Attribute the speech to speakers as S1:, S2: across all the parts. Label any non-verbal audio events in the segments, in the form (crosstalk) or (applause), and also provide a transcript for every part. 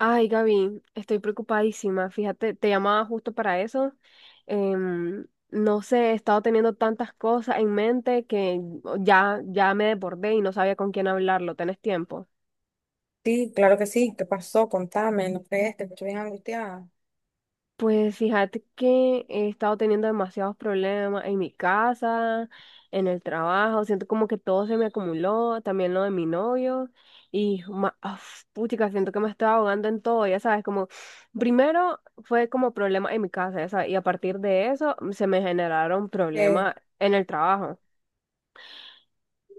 S1: Ay, Gaby, estoy preocupadísima. Fíjate, te llamaba justo para eso. No sé, he estado teniendo tantas cosas en mente que ya, ya me desbordé y no sabía con quién hablarlo. ¿Tenés tiempo?
S2: Sí, claro que sí. ¿Qué pasó? Contame, no crees, te escucho bien angustiada.
S1: Pues fíjate que he estado teniendo demasiados problemas en mi casa, en el trabajo, siento como que todo se me acumuló, también lo de mi novio, y uf, puchica, siento que me estoy ahogando en todo, ya sabes, como primero fue como problema en mi casa, ya sabes, y a partir de eso se me generaron
S2: Eh,
S1: problemas en el trabajo.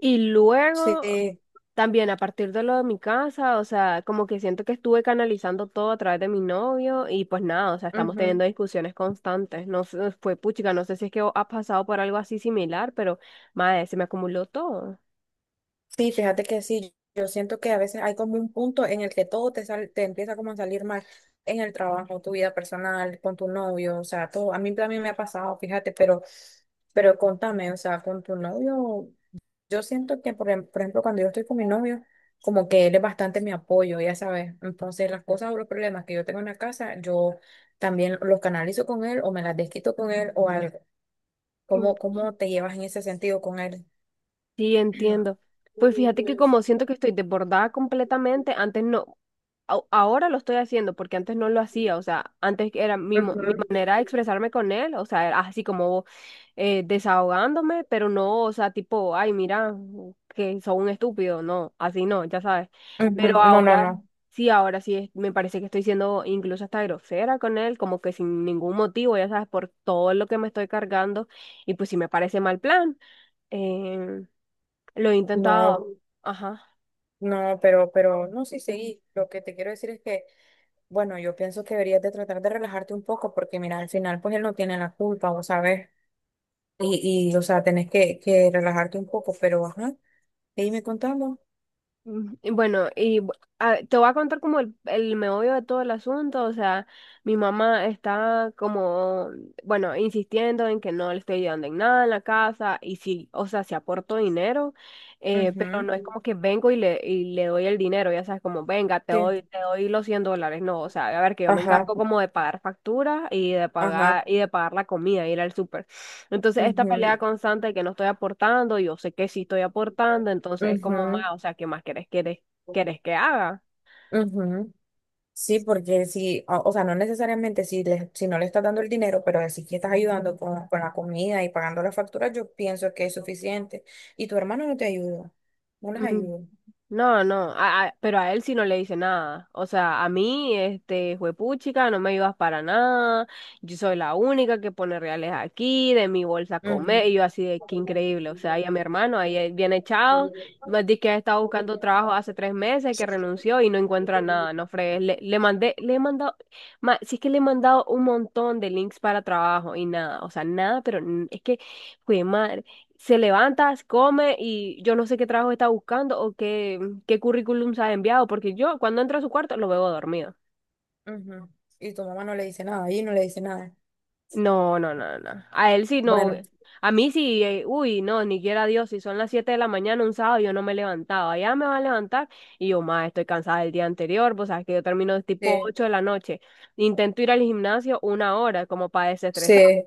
S1: Y luego,
S2: sí,
S1: también a partir de lo de mi casa, o sea, como que siento que estuve canalizando todo a través de mi novio y pues nada, o sea, estamos
S2: ujú.
S1: teniendo discusiones constantes. No sé, fue puchica, no sé si es que has pasado por algo así similar, pero madre, se me acumuló todo.
S2: Sí, fíjate que sí, yo siento que a veces hay como un punto en el que todo te empieza como a salir mal en el trabajo, tu vida personal, con tu novio, o sea, todo. A mí también me ha pasado, fíjate, pero contame, o sea, con tu novio. Yo siento que, por ejemplo, cuando yo estoy con mi novio, como que él es bastante mi apoyo, ya sabes. Entonces, las cosas o los problemas que yo tengo en la casa, yo también los canalizo con él o me las desquito con él o algo.
S1: Mm,
S2: ¿Cómo, cómo te llevas en ese sentido con él?
S1: sí, entiendo. Pues fíjate que como siento que estoy desbordada completamente, antes no, ahora lo estoy haciendo porque antes no lo hacía, o sea, antes era mi
S2: Ujú,
S1: manera de expresarme con él, o sea, era así como desahogándome, pero no, o sea, tipo, ay, mira, que soy un estúpido, no, así no, ya sabes.
S2: ujú.
S1: Pero
S2: No, no, no,
S1: ahora sí, me parece que estoy siendo incluso hasta grosera con él, como que sin ningún motivo, ya sabes, por todo lo que me estoy cargando, y pues sí me parece mal plan. Eh, lo he intentado,
S2: no,
S1: ajá.
S2: no, no, sí, sí, lo que te quiero decir es que, bueno, yo pienso que deberías de tratar de relajarte un poco porque, mira, al final, pues él no tiene la culpa, vos sabés, o sea, tenés que relajarte un poco, pero, ajá, E me contando.
S1: Y bueno, y te voy a contar como el meollo de todo el asunto, o sea, mi mamá está como, bueno, insistiendo en que no le estoy ayudando en nada en la casa, y sí, o sea, sí aporto dinero, pero no es
S2: Ujú.
S1: como que vengo y le doy el dinero, ya sabes, como, venga, te
S2: Sí.
S1: doy, te doy los $100, no, o sea, a ver, que yo me
S2: Ajá,
S1: encargo como de pagar facturas y de
S2: ajá.
S1: pagar, y de pagar la comida, ir al súper. Entonces, esta pelea
S2: Ujú,
S1: constante de que no estoy aportando, yo sé que sí estoy aportando, entonces es como
S2: ujú,
S1: más, o sea, ¿qué más querés que haga?
S2: ujú. Sí, porque si, o sea, no necesariamente si, si no le estás dando el dinero, pero si que estás ayudando con la comida y pagando las facturas, yo pienso que es suficiente. Y tu hermano no te ayuda, no les ayuda.
S1: No, no, pero a él sí no le dice nada. O sea, a mí, este, juepuchica, no me ayudas para nada. Yo soy la única que pone reales aquí, de mi bolsa a
S2: Ujú,
S1: comer. Y yo así de que increíble. O sea, y a mi hermano, ahí bien echado. Me dice que ha estado buscando trabajo hace 3 meses, que renunció y no encuentra nada. No fregues. Le mandé, le he mandado, sí es que le he mandado un montón de links para trabajo y nada. O sea, nada, pero es que, fue se levanta, come y yo no sé qué trabajo está buscando o qué, qué currículum se ha enviado, porque yo cuando entro a su cuarto lo veo dormido.
S2: ujú. Y tu mamá no le dice nada, y no le dice nada.
S1: No, no, no, no. A él sí no.
S2: Bueno,
S1: A mí sí, uy, no, ni quiera Dios, si son las 7 de la mañana un sábado yo no me he levantado, allá me va a levantar y yo, más estoy cansada del día anterior, pues sabes que yo termino tipo
S2: sí,
S1: 8 de la noche, intento ir al gimnasio 1 hora como para desestresar.
S2: sí,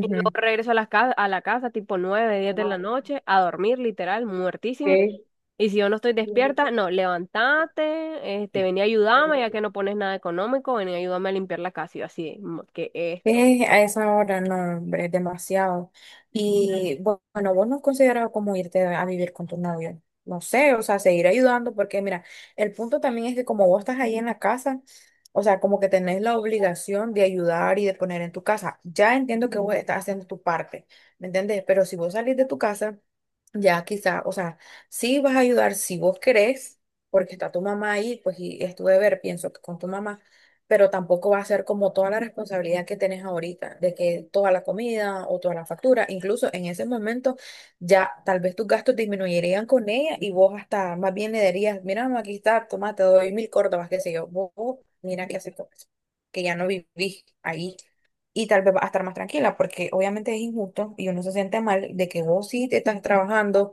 S1: Y yo regreso a la casa tipo 9 10 de la noche, a dormir, literal, muertísima.
S2: sí.
S1: Y si yo no estoy despierta, no, levantate, este, vení a ayudarme, ya que no pones nada económico, vení a ayudarme a limpiar la casa. Y yo así, "Mm, ¿qué es esto?
S2: Es a esa hora, no, hombre, es demasiado. Y bueno, vos no has considerado como irte a vivir con tu novio. No sé, o sea, seguir ayudando, porque mira, el punto también es que como vos estás ahí en la casa, o sea, como que tenés la obligación de ayudar y de poner en tu casa. Ya entiendo que vos estás haciendo tu parte, ¿me entendés? Pero si vos salís de tu casa ya quizá, o sea, sí vas a ayudar si vos querés, porque está tu mamá ahí, pues y es tu deber, pienso que con tu mamá, pero tampoco va a ser como toda la responsabilidad que tenés ahorita, de que toda la comida o toda la factura, incluso en ese momento ya tal vez tus gastos disminuirían con ella y vos hasta más bien le dirías, mira, mamá, aquí está, toma, te doy 1.000 córdobas, qué sé yo, mira qué haces con eso, que ya no vivís ahí y tal vez va a estar más tranquila, porque obviamente es injusto y uno se siente mal de que vos sí te estás trabajando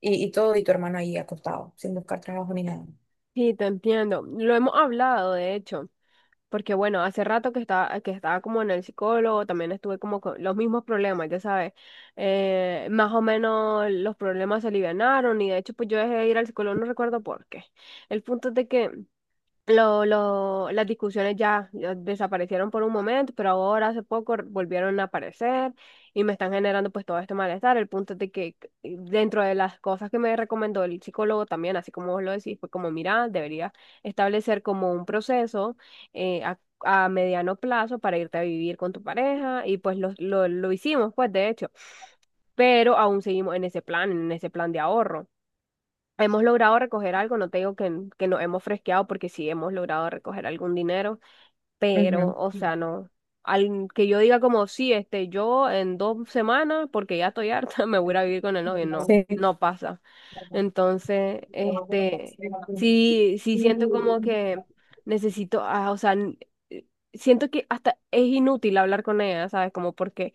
S2: y todo, y tu hermano ahí acostado, sin buscar trabajo ni nada.
S1: Sí, te entiendo. Lo hemos hablado, de hecho, porque bueno, hace rato que estaba como en el psicólogo, también estuve como con los mismos problemas, ya sabes. Más o menos los problemas se alivianaron y de hecho pues yo dejé de ir al psicólogo, no recuerdo por qué. El punto es de que. Las discusiones ya, ya desaparecieron por un momento, pero ahora hace poco volvieron a aparecer y me están generando pues todo este malestar. El punto es de que dentro de las cosas que me recomendó el psicólogo también, así como vos lo decís, fue como, mira, deberías establecer como un proceso a mediano plazo para irte a vivir con tu pareja y pues lo hicimos pues de hecho, pero aún seguimos en ese plan de ahorro. Hemos logrado recoger algo, no te digo que, que nos hemos fresqueado porque sí hemos logrado recoger algún dinero, pero,
S2: Ujú.
S1: o sea, no, al que yo diga como, sí, este, yo en 2 semanas, porque ya estoy harta, (laughs) me voy a ir a vivir con el novio, no,
S2: Sí,
S1: no pasa. Entonces, este, sí, sí siento como que necesito, o sea, eh, siento que hasta es inútil hablar con ella, ¿sabes? Como porque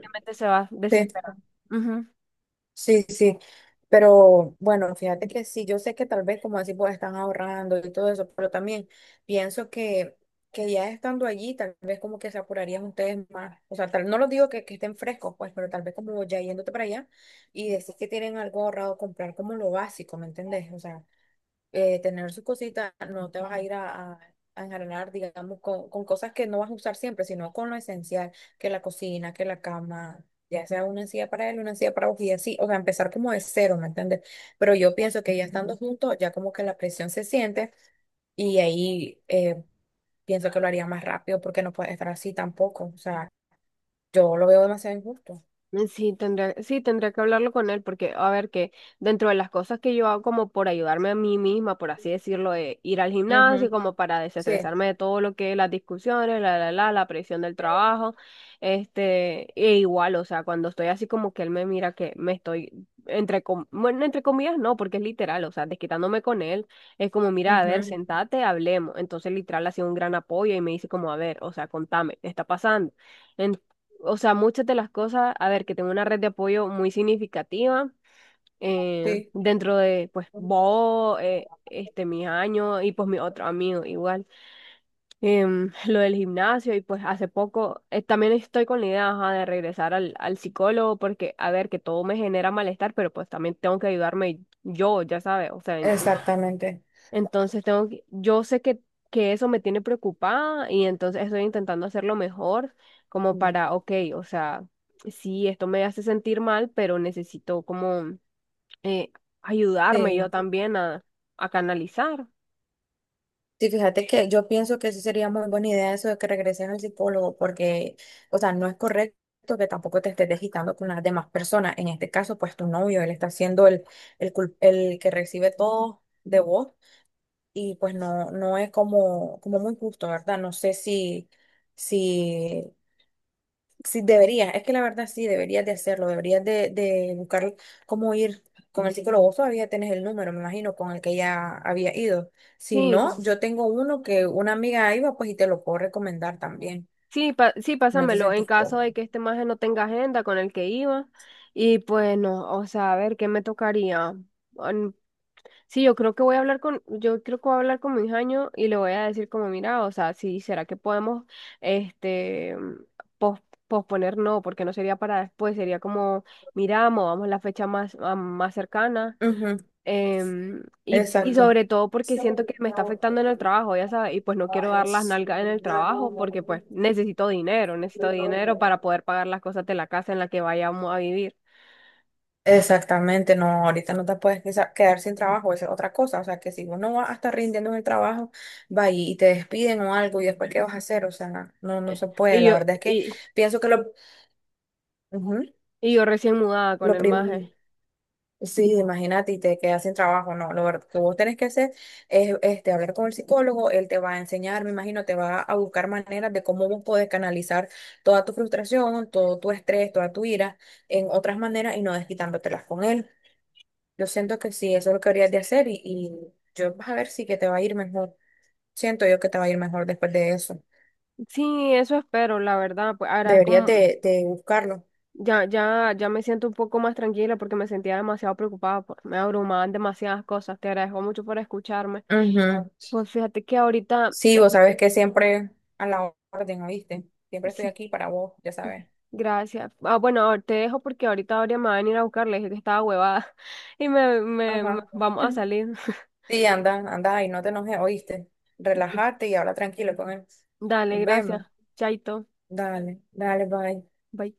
S1: realmente se va a
S2: sí,
S1: desesperar. Ujú.
S2: sí, sí. Pero bueno, fíjate que sí, yo sé que tal vez como así pues están ahorrando y todo eso, pero también pienso que ya estando allí, tal vez como que se apurarían ustedes más. O sea, tal, no los digo que estén frescos, pues, pero tal vez como ya yéndote para allá y decir que tienen algo ahorrado, comprar como lo básico, ¿me entendés? O sea, tener sus cositas, no te vas a a enjarelar, digamos, con cosas que no vas a usar siempre, sino con lo esencial, que la cocina, que la cama, ya sea una encía para él, una encía para vos y así, o sea, empezar como de cero, ¿me entiendes? Pero yo pienso que ya estando juntos, ya como que la presión se siente y ahí pienso que lo haría más rápido porque no puede estar así tampoco, o sea, yo lo veo demasiado injusto.
S1: Sí, tendría que hablarlo con él porque, a ver, que dentro de las cosas que yo hago como por ayudarme a mí misma, por así decirlo, de ir al gimnasio,
S2: Ujú.
S1: como para
S2: Sí,
S1: desestresarme de todo lo que es las discusiones, la presión del trabajo, este, e igual, o sea, cuando estoy así como que él me mira que me estoy, bueno, entre comillas, no, porque es literal, o sea, desquitándome con él, es como, mira, a ver,
S2: ujú,
S1: sentate, hablemos. Entonces, literal, ha sido un gran apoyo y me dice como, a ver, o sea, contame, ¿qué está pasando? O sea, muchas de las cosas, a ver, que tengo una red de apoyo muy significativa
S2: sí,
S1: dentro de, pues, vos, este, mis años y pues mis otros amigos igual. (laughs) Lo del gimnasio y pues hace poco también estoy con la idea, ajá, de regresar al psicólogo porque, a ver, que todo me genera malestar, pero pues también tengo que ayudarme yo, ya sabes, o sea, en- entonces
S2: exactamente.
S1: entonces tengo que- yo sé que eso me tiene preocupada y entonces estoy intentando hacerlo mejor como
S2: Ujú.
S1: para, ok, o sea, sí, esto me hace sentir mal, pero necesito como eh, ayudarme yo
S2: Sí.
S1: también a canalizar.
S2: Sí, fíjate que yo pienso que sí sería muy buena idea eso de que regreses al psicólogo, porque, o sea, no es correcto que tampoco te estés desquitando con las demás personas. En este caso, pues tu novio, él está siendo el que recibe todo de vos y pues no, no es como, como muy justo, ¿verdad? No sé si, si sí, deberías, es que la verdad sí, deberías de hacerlo, deberías de buscar cómo ir con el psicólogo. Vos todavía tenés el número, me imagino, con el que ya había ido. Si no,
S1: Sí,
S2: yo tengo uno que una amiga iba, pues y te lo puedo recomendar también.
S1: sí, sí,
S2: No te
S1: pásamelo en
S2: sentís
S1: caso
S2: cómodo.
S1: de que este maje no tenga agenda con el que iba y pues no, o sea, a ver, ¿qué me tocaría? Mm. Sí, yo creo que voy a hablar con mi jaño y le voy a decir como, mira, o sea, sí, ¿será que podemos, este, pos- posponer? No, porque no sería para después, sería como, mira, movamos la fecha más cercana.
S2: Ujú,
S1: Y
S2: exacto,
S1: sobre todo porque siento que me está afectando en el trabajo, ya sabes, y pues no quiero dar las nalgas en el trabajo porque pues necesito dinero para poder pagar las cosas de la casa en la que vayamos a vivir.
S2: exactamente, no, ahorita no te puedes quedar sin trabajo, esa es otra cosa. O sea, que si vos no vas a estar rindiendo en el trabajo, va y te despiden o algo, y después, ¿qué vas a hacer? O sea, no, no se puede.
S1: Y
S2: La
S1: yo,
S2: verdad es que
S1: y,
S2: pienso que lo... ujú,
S1: y yo recién mudada con
S2: lo
S1: el maje.
S2: primero. Sí, imagínate y te quedas sin trabajo, no, que vos tenés que hacer es este, hablar con el psicólogo, él te va a enseñar, me imagino, te va a buscar maneras de cómo vos podés canalizar toda tu frustración, todo tu estrés, toda tu ira en otras maneras y no desquitándotelas con él. Yo siento que sí, eso es lo que deberías de hacer y yo vas a ver si que te va a ir mejor. Siento yo que te va a ir mejor después de eso.
S1: Sí, eso espero, la verdad, pues ahora
S2: Deberías
S1: como
S2: de buscarlo.
S1: ya, ya, ya me siento un poco más tranquila porque me sentía demasiado preocupada, pues, me abrumaban demasiadas cosas. Te agradezco mucho por escucharme.
S2: Ujú.
S1: Pues fíjate que ahorita,
S2: Sí, vos sabes que siempre a la orden, ¿oíste? Siempre estoy
S1: sí,
S2: aquí para vos, ya sabes.
S1: gracias. Ah, bueno, te dejo porque ahorita Aurea me va a venir a buscar, le dije que estaba huevada (laughs) y
S2: Ajá.
S1: vamos a salir.
S2: Sí, anda, anda ahí, no te enojes, oíste.
S1: (laughs)
S2: Relájate y habla tranquilo con él.
S1: Dale,
S2: Nos vemos.
S1: gracias. Chaito.
S2: Dale, dale, bye.
S1: Bye.